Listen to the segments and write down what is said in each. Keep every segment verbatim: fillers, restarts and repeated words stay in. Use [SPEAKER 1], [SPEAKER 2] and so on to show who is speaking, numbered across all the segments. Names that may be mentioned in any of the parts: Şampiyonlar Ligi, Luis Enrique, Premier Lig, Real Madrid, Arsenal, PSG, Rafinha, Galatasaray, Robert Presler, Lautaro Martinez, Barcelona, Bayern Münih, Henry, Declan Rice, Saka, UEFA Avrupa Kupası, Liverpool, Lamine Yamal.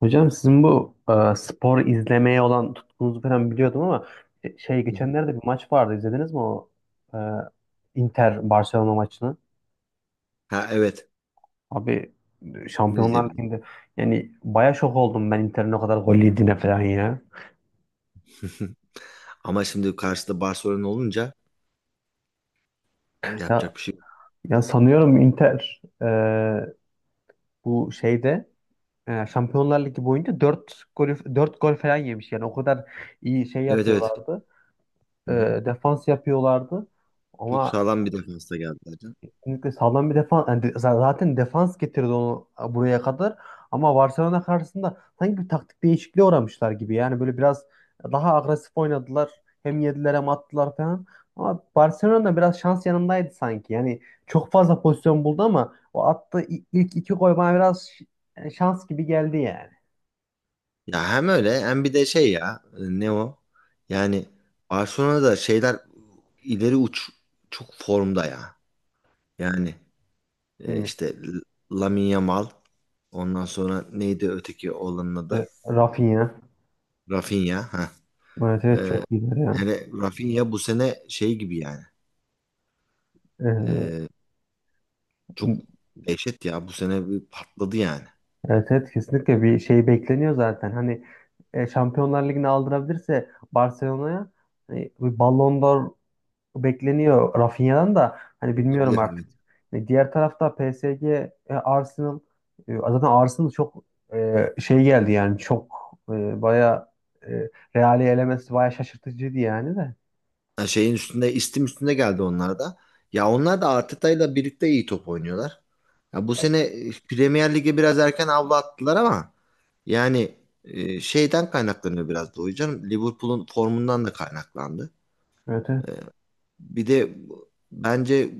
[SPEAKER 1] Hocam sizin bu e, spor izlemeye olan tutkunuzu falan biliyordum ama e, şey
[SPEAKER 2] Hı hı.
[SPEAKER 1] geçenlerde bir maç vardı izlediniz mi o e, Inter Barcelona maçını?
[SPEAKER 2] Ha evet.
[SPEAKER 1] Abi e,
[SPEAKER 2] Ne
[SPEAKER 1] Şampiyonlar
[SPEAKER 2] izleyebilirim.
[SPEAKER 1] Ligi'nde yani baya şok oldum ben Inter'in o kadar gol yediğine falan ya.
[SPEAKER 2] Ama şimdi karşıda Barcelona olunca
[SPEAKER 1] Ya,
[SPEAKER 2] yapacak bir şey yok.
[SPEAKER 1] ya sanıyorum Inter e, bu şeyde e, Şampiyonlar Ligi boyunca dört gol dört gol falan yemiş yani o kadar iyi şey
[SPEAKER 2] Evet evet.
[SPEAKER 1] yapıyorlardı. E,
[SPEAKER 2] Hı hı.
[SPEAKER 1] defans yapıyorlardı.
[SPEAKER 2] Çok
[SPEAKER 1] Ama
[SPEAKER 2] sağlam bir defansta geldiler, canım.
[SPEAKER 1] kesinlikle sağlam bir defans. Yani de- zaten defans getirdi onu buraya kadar. Ama Barcelona karşısında sanki bir taktik değişikliğe uğramışlar gibi. Yani böyle biraz daha agresif oynadılar. Hem yediler hem attılar falan. Ama Barcelona biraz şans yanındaydı sanki. Yani çok fazla pozisyon buldu ama o attığı i- ilk iki gol bana biraz ş- yani şans gibi geldi yani.
[SPEAKER 2] Ya hem öyle hem bir de şey ya e, ne o? Yani Barcelona'da şeyler ileri uç çok formda ya. Yani
[SPEAKER 1] Değil
[SPEAKER 2] e,
[SPEAKER 1] mi?
[SPEAKER 2] işte L- Lamine Yamal ondan sonra neydi öteki oğlanın
[SPEAKER 1] E,
[SPEAKER 2] adı?
[SPEAKER 1] Rafinha.
[SPEAKER 2] Rafinha. Ha.
[SPEAKER 1] Evet evet çok iyiler ya.
[SPEAKER 2] Yani Rafinha bu sene şey gibi yani.
[SPEAKER 1] Ee,
[SPEAKER 2] e, Çok dehşet ya. Bu sene bir patladı yani.
[SPEAKER 1] Evet, evet kesinlikle bir şey bekleniyor zaten. Hani e, Şampiyonlar Ligi'ni aldırabilirse Barcelona'ya hani bir Ballon d'Or bekleniyor Rafinha'dan da hani bilmiyorum
[SPEAKER 2] Olabilir
[SPEAKER 1] artık.
[SPEAKER 2] evet.
[SPEAKER 1] E, diğer tarafta P S G, e, Arsenal e, zaten Arsenal çok e, şey geldi yani çok e, baya e, Real'i elemesi baya şaşırtıcıydı yani de.
[SPEAKER 2] Ha, şeyin üstünde, istim üstünde geldi onlar da. Ya onlar da Arteta'yla birlikte iyi top oynuyorlar. Ya bu sene e, Premier Lig'e biraz erken avlu attılar ama yani e, şeyden kaynaklanıyor biraz da hocam. Liverpool'un formundan da kaynaklandı.
[SPEAKER 1] Evet, evet.
[SPEAKER 2] Bir de bence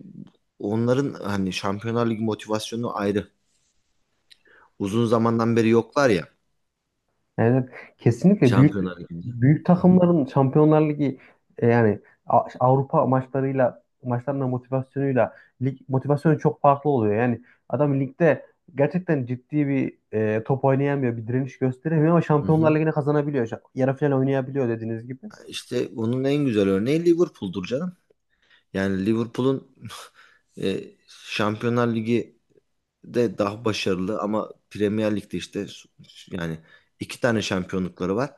[SPEAKER 2] onların hani Şampiyonlar Ligi motivasyonu ayrı. Uzun zamandan beri yoklar ya
[SPEAKER 1] Evet, kesinlikle büyük
[SPEAKER 2] Şampiyonlar Ligi'nde.
[SPEAKER 1] büyük
[SPEAKER 2] Hı hı.
[SPEAKER 1] takımların Şampiyonlar Ligi e, yani A- Avrupa maçlarıyla maçlarına motivasyonuyla lig motivasyonu çok farklı oluyor. Yani adam ligde gerçekten ciddi bir e, top oynayamıyor, bir direniş gösteremiyor ama
[SPEAKER 2] Hı
[SPEAKER 1] Şampiyonlar
[SPEAKER 2] hı.
[SPEAKER 1] Ligi'ne kazanabiliyor. Şa- Yarı final oynayabiliyor dediğiniz gibi.
[SPEAKER 2] İşte bunun en güzel örneği Liverpool'dur canım. Yani Liverpool'un e, Şampiyonlar Ligi'de daha başarılı ama Premier Lig'de işte s- yani iki tane şampiyonlukları var.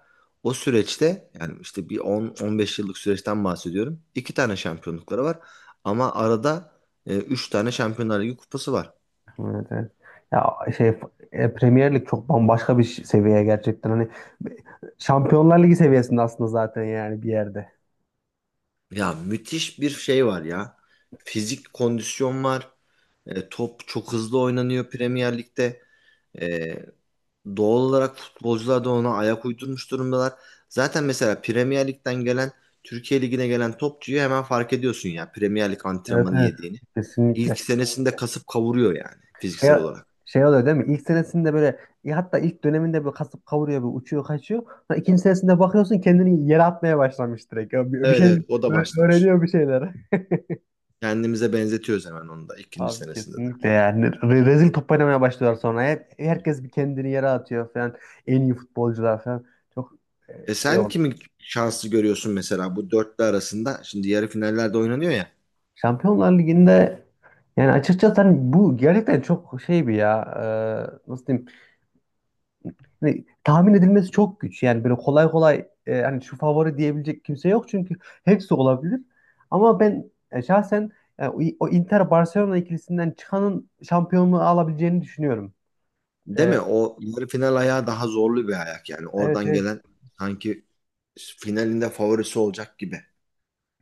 [SPEAKER 2] O süreçte yani işte bir on on beş yıllık süreçten bahsediyorum. İki tane şampiyonlukları var ama arada e, üç tane Şampiyonlar Ligi kupası var.
[SPEAKER 1] Evet, evet. Ya şey e, Premier Lig çok bambaşka bir ş- seviye gerçekten. Hani Şampiyonlar Ligi seviyesinde aslında zaten yani bir yerde.
[SPEAKER 2] Ya müthiş bir şey var ya. Fizik kondisyon var. E, top çok hızlı oynanıyor Premier Lig'de. E, Doğal olarak futbolcular da ona ayak uydurmuş durumdalar. Zaten mesela Premier Lig'den gelen, Türkiye Ligi'ne gelen topçuyu hemen fark ediyorsun ya Premier Lig
[SPEAKER 1] Evet
[SPEAKER 2] antrenmanı
[SPEAKER 1] evet.
[SPEAKER 2] yediğini. İlk
[SPEAKER 1] Kesinlikle.
[SPEAKER 2] senesinde kasıp kavuruyor yani
[SPEAKER 1] Şey,
[SPEAKER 2] fiziksel olarak.
[SPEAKER 1] Şey oluyor değil mi? İlk senesinde böyle ya hatta ilk döneminde böyle kasıp kavuruyor böyle uçuyor kaçıyor. Sonra ikinci senesinde bakıyorsun kendini yere atmaya başlamış direkt. Ya Bir, bir
[SPEAKER 2] Evet
[SPEAKER 1] şey
[SPEAKER 2] evet o da
[SPEAKER 1] ö-
[SPEAKER 2] başlamış.
[SPEAKER 1] öğreniyor bir şeyler.
[SPEAKER 2] Kendimize benzetiyoruz hemen onu da ikinci
[SPEAKER 1] Abi
[SPEAKER 2] senesinde de.
[SPEAKER 1] kesinlikle yani. Re- rezil top oynamaya başlıyorlar sonra. Hep, herkes bir kendini yere atıyor falan. En iyi futbolcular falan. Çok
[SPEAKER 2] E
[SPEAKER 1] e, şey
[SPEAKER 2] sen
[SPEAKER 1] oldu.
[SPEAKER 2] kimi şanslı görüyorsun mesela bu dörtlü arasında? Şimdi yarı finallerde oynanıyor ya.
[SPEAKER 1] Şampiyonlar Ligi'nde yani açıkçası hani bu gerçekten çok şey bir ya. e, nasıl diyeyim? Hani tahmin edilmesi çok güç. Yani böyle kolay kolay e, hani şu favori diyebilecek kimse yok çünkü hepsi olabilir. Ama ben e, şahsen e, o, o Inter Barcelona ikilisinden çıkanın şampiyonluğu alabileceğini düşünüyorum.
[SPEAKER 2] Değil
[SPEAKER 1] E,
[SPEAKER 2] mi? O yarı final ayağı daha zorlu bir ayak yani.
[SPEAKER 1] evet
[SPEAKER 2] Oradan
[SPEAKER 1] evet.
[SPEAKER 2] gelen sanki finalinde favorisi olacak gibi.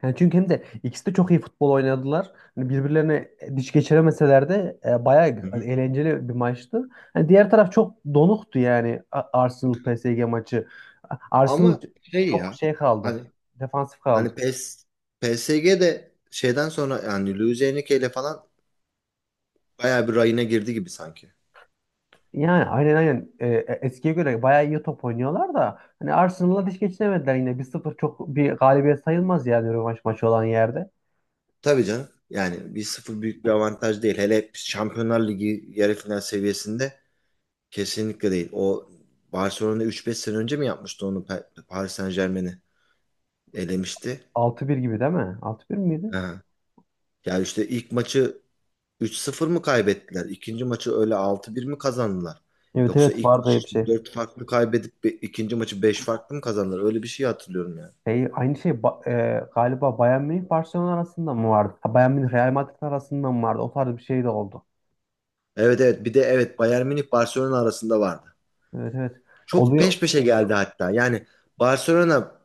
[SPEAKER 1] Yani çünkü hem de ikisi de çok iyi futbol oynadılar. Hani birbirlerine diş geçiremeseler de e,
[SPEAKER 2] Hı
[SPEAKER 1] bayağı
[SPEAKER 2] hı.
[SPEAKER 1] eğlenceli bir maçtı. Hani diğer taraf çok donuktu yani Arsenal P S G maçı. Arsenal
[SPEAKER 2] Ama şey
[SPEAKER 1] çok
[SPEAKER 2] ya
[SPEAKER 1] şey kaldı.
[SPEAKER 2] hani
[SPEAKER 1] Defansif
[SPEAKER 2] hani
[SPEAKER 1] kaldı.
[SPEAKER 2] P E S, P S G de şeyden sonra yani Luis Enrique ile falan bayağı bir rayına girdi gibi sanki.
[SPEAKER 1] Yani aynen aynen, Ee, e, eskiye göre bayağı iyi top oynuyorlar da hani Arsenal'la diş geçinemediler yine bir sıfır çok bir galibiyet sayılmaz yani rövanş maçı olan yerde.
[SPEAKER 2] Tabii canım. Yani bir sıfır büyük bir avantaj değil. Hele Şampiyonlar Ligi yarı final seviyesinde kesinlikle değil. O Barcelona üç beş sene önce mi yapmıştı onu Pa- Paris Saint-Germain'i elemişti.
[SPEAKER 1] Altı bir gibi değil mi? Altı bir miydi?
[SPEAKER 2] Ha. Yani işte ilk maçı üç sıfır mı kaybettiler? İkinci maçı öyle altı bir mi kazandılar?
[SPEAKER 1] Evet
[SPEAKER 2] Yoksa
[SPEAKER 1] evet
[SPEAKER 2] ilk
[SPEAKER 1] vardı
[SPEAKER 2] maçı
[SPEAKER 1] öyle bir
[SPEAKER 2] işte
[SPEAKER 1] şey.
[SPEAKER 2] dört farklı kaybedip be- ikinci maçı beş farklı mı kazandılar? Öyle bir şey hatırlıyorum yani.
[SPEAKER 1] Şey, aynı şey ba- e, galiba Bayern Münih Barcelona arasında mı vardı? Ha, Bayern Münih Real Madrid arasında mı vardı? O tarz bir şey de oldu.
[SPEAKER 2] Evet evet bir de evet Bayern Münih Barcelona arasında vardı.
[SPEAKER 1] Evet evet.
[SPEAKER 2] Çok
[SPEAKER 1] Oluyor.
[SPEAKER 2] peş peşe geldi hatta. Yani Barcelona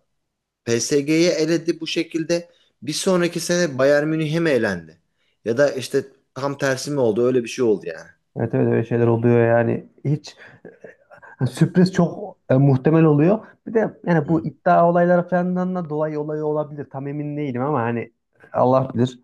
[SPEAKER 2] P S G'yi eledi bu şekilde. Bir sonraki sene Bayern Münih'e mi elendi? Ya da işte tam tersi mi oldu? Öyle bir şey oldu yani.
[SPEAKER 1] Evet evet öyle şeyler oluyor yani. Hiç Yani sürpriz çok e, muhtemel oluyor. Bir de yani
[SPEAKER 2] Hı.
[SPEAKER 1] bu iddia olayları falandan da dolayı olayı olabilir. Tam emin değilim ama hani Allah bilir.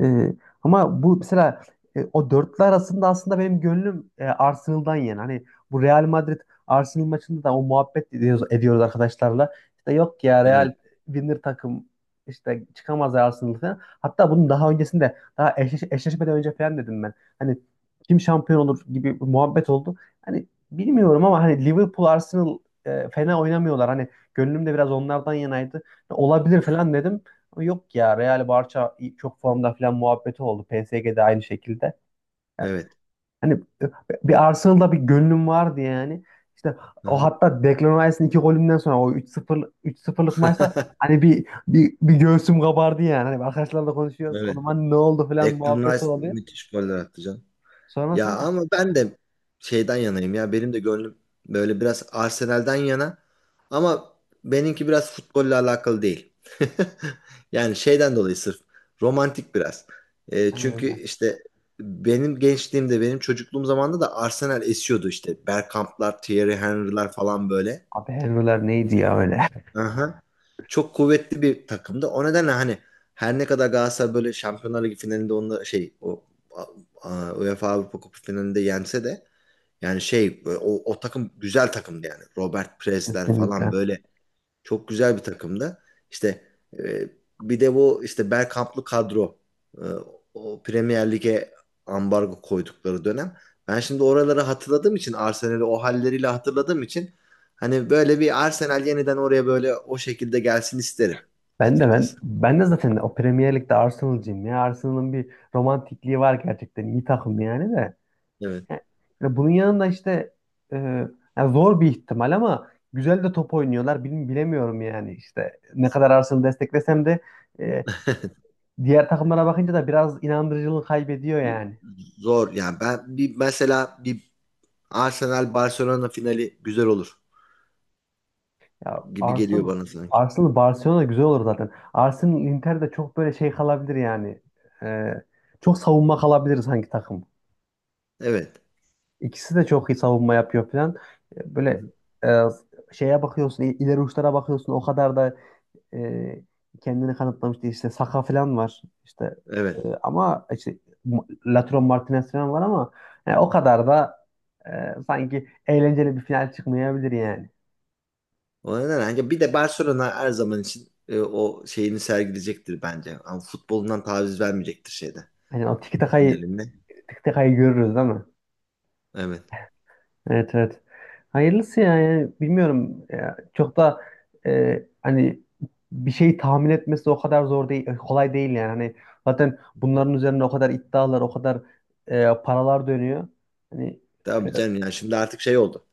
[SPEAKER 1] Ee, ama bu mesela e, o dörtlü arasında aslında benim gönlüm e, Arsenal'dan yana. Hani bu Real Madrid Arsenal maçında da o muhabbet ediyoruz, ediyoruz arkadaşlarla. İşte yok ya Real
[SPEAKER 2] Evet,
[SPEAKER 1] winner takım işte çıkamaz ya Arsenal falan. Hatta bunun daha öncesinde daha eşleş eşleşmeden önce falan dedim ben. Hani kim şampiyon olur gibi bir muhabbet oldu. Hani bilmiyorum ama hani Liverpool Arsenal e, fena oynamıyorlar. Hani gönlüm de biraz onlardan yanaydı. Olabilir falan dedim. Yok ya Real Barça çok formda falan muhabbeti oldu. P S G'de aynı şekilde.
[SPEAKER 2] evet.
[SPEAKER 1] Hani e, bir Arsenal'da bir gönlüm vardı yani. İşte
[SPEAKER 2] Hı
[SPEAKER 1] o
[SPEAKER 2] hı.
[SPEAKER 1] hatta Declan Rice'ın iki golünden sonra o üç sıfır üç sıfırlık maçta hani bir, bir bir göğsüm kabardı yani. Hani arkadaşlarla konuşuyoruz. O
[SPEAKER 2] Evet.
[SPEAKER 1] zaman ne oldu falan
[SPEAKER 2] Declan
[SPEAKER 1] muhabbeti
[SPEAKER 2] Rice
[SPEAKER 1] oluyor.
[SPEAKER 2] müthiş goller attı canım. Ya
[SPEAKER 1] Sonrasında
[SPEAKER 2] ama ben de şeyden yanayım ya. Benim de gönlüm böyle biraz Arsenal'den yana. Ama benimki biraz futbolla alakalı değil. Yani şeyden dolayı sırf romantik biraz. E,
[SPEAKER 1] aynen
[SPEAKER 2] çünkü
[SPEAKER 1] öyle.
[SPEAKER 2] işte benim gençliğimde, benim çocukluğum zamanında da Arsenal esiyordu işte. Bergkamp'lar, Thierry Henry'ler falan böyle.
[SPEAKER 1] Abi Henry'ler neydi
[SPEAKER 2] Çok
[SPEAKER 1] ya öyle?
[SPEAKER 2] Aha. Çok kuvvetli bir takımdı. O nedenle hani her ne kadar Galatasaray böyle Şampiyonlar Ligi finalinde onunla şey o a- a- UEFA Avrupa Kupası finalinde yense de yani şey e, o, o takım güzel takımdı yani. Robert Presler falan
[SPEAKER 1] Kesinlikle.
[SPEAKER 2] böyle çok güzel bir takımdı. İşte e, bir de bu işte Bergkamp'lı kadro e, o Premier Lig'e ambargo koydukları dönem. Ben şimdi oraları hatırladığım için Arsenal'i o halleriyle hatırladığım için hani böyle bir Arsenal yeniden oraya böyle o şekilde gelsin isterim
[SPEAKER 1] Ben de ben
[SPEAKER 2] açıkçası.
[SPEAKER 1] ben de zaten o Premier Lig'de Arsenal'cıyım ya. Arsenal'ın bir romantikliği var gerçekten. İyi takım yani de.
[SPEAKER 2] Evet.
[SPEAKER 1] Yani bunun yanında işte e, yani zor bir ihtimal ama güzel de top oynuyorlar. Bil- bilemiyorum yani işte ne kadar Arsenal'ı desteklesem de e, diğer takımlara bakınca da biraz inandırıcılığını kaybediyor yani.
[SPEAKER 2] Zor yani ben bir mesela bir Arsenal Barcelona finali güzel olur
[SPEAKER 1] Ya
[SPEAKER 2] gibi geliyor
[SPEAKER 1] Arsenal
[SPEAKER 2] bana sanki.
[SPEAKER 1] Arsenal Barcelona güzel olur zaten. Arsenal Inter de çok böyle şey kalabilir yani. E, çok savunma kalabilir sanki takım.
[SPEAKER 2] Evet.
[SPEAKER 1] İkisi de çok iyi savunma yapıyor falan. E,
[SPEAKER 2] Hı
[SPEAKER 1] Böyle
[SPEAKER 2] hı.
[SPEAKER 1] e, şeye bakıyorsun, il- ileri uçlara bakıyorsun. O kadar da e, kendini kanıtlamıştı işte Saka falan var işte e,
[SPEAKER 2] Evet.
[SPEAKER 1] ama işte M- Lautaro Martinez falan var ama yani o kadar da e, sanki eğlenceli bir final çıkmayabilir yani.
[SPEAKER 2] O neden ancak bir de Barcelona her zaman için e, o şeyini sergileyecektir bence. Ama futbolundan taviz vermeyecektir şeyde
[SPEAKER 1] Hani o tiki takayı
[SPEAKER 2] finalinde.
[SPEAKER 1] tiki takayı görürüz değil mi?
[SPEAKER 2] Evet.
[SPEAKER 1] Evet evet. Hayırlısı ya yani bilmiyorum ya, çok da e, hani bir şeyi tahmin etmesi o kadar zor değil kolay değil yani hani zaten bunların üzerine o kadar iddialar o kadar e, paralar dönüyor. Hani e,
[SPEAKER 2] Tabii canım yani şimdi artık şey oldu.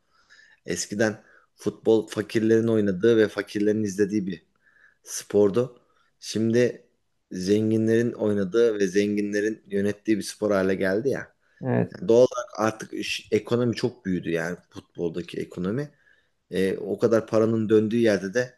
[SPEAKER 2] Eskiden futbol fakirlerin oynadığı ve fakirlerin izlediği bir spordu. Şimdi zenginlerin oynadığı ve zenginlerin yönettiği bir spor hale geldi ya.
[SPEAKER 1] evet.
[SPEAKER 2] Yani doğal olarak artık iş- ekonomi çok büyüdü yani futboldaki ekonomi. E, o kadar paranın döndüğü yerde de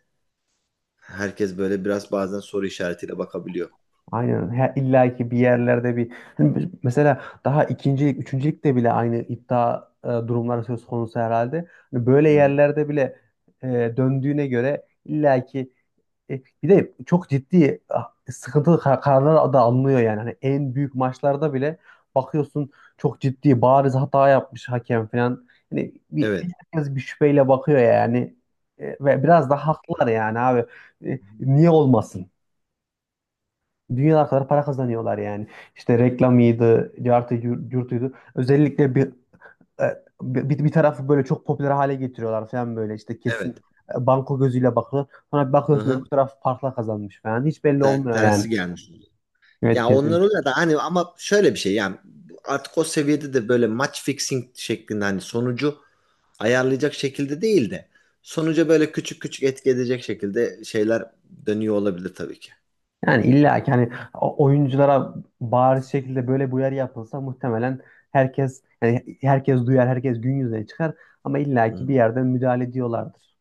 [SPEAKER 2] herkes böyle biraz bazen soru işaretiyle bakabiliyor.
[SPEAKER 1] Aynen. Her, illa ki bir yerlerde bir. Şimdi mesela daha ikincilik, üçüncülükte bile aynı iddia e, durumları söz konusu herhalde. Hani böyle
[SPEAKER 2] Hı hı.
[SPEAKER 1] yerlerde bile e, döndüğüne göre illa ki e, bir de çok ciddi ah, sıkıntılı kar- kararlar da alınıyor yani. Hani en büyük maçlarda bile bakıyorsun çok ciddi bariz hata yapmış hakem falan. Hani bir
[SPEAKER 2] Evet.
[SPEAKER 1] herkes bir şüpheyle bakıyor yani. E, ve biraz da haklılar yani abi. E, niye olmasın? Dünyalar kadar para kazanıyorlar yani. İşte reklamıydı, cartı, yur- yurtuydu. Özellikle bir, e, bir, bir tarafı böyle çok popüler hale getiriyorlar falan böyle. İşte kesin
[SPEAKER 2] Evet.
[SPEAKER 1] e, banko gözüyle bakılır. Sonra bir
[SPEAKER 2] Hı
[SPEAKER 1] bakıyorsun öbür
[SPEAKER 2] hı.
[SPEAKER 1] taraf farkla kazanmış falan. Hiç belli
[SPEAKER 2] Ter-
[SPEAKER 1] olmuyor yani.
[SPEAKER 2] tersi gelmiş.
[SPEAKER 1] Evet
[SPEAKER 2] Ya onlar
[SPEAKER 1] kesin.
[SPEAKER 2] oluyor da hani ama şöyle bir şey yani artık o seviyede de böyle match fixing şeklinde hani sonucu ayarlayacak şekilde değil de sonuca böyle küçük küçük etki edecek şekilde şeyler dönüyor olabilir tabii ki.
[SPEAKER 1] Yani illa ki hani o- oyunculara bariz şekilde böyle bir uyarı yapılsa muhtemelen herkes yani herkes duyar, herkes gün yüzüne çıkar. Ama illa ki
[SPEAKER 2] Hı.
[SPEAKER 1] bir yerden müdahale ediyorlardır.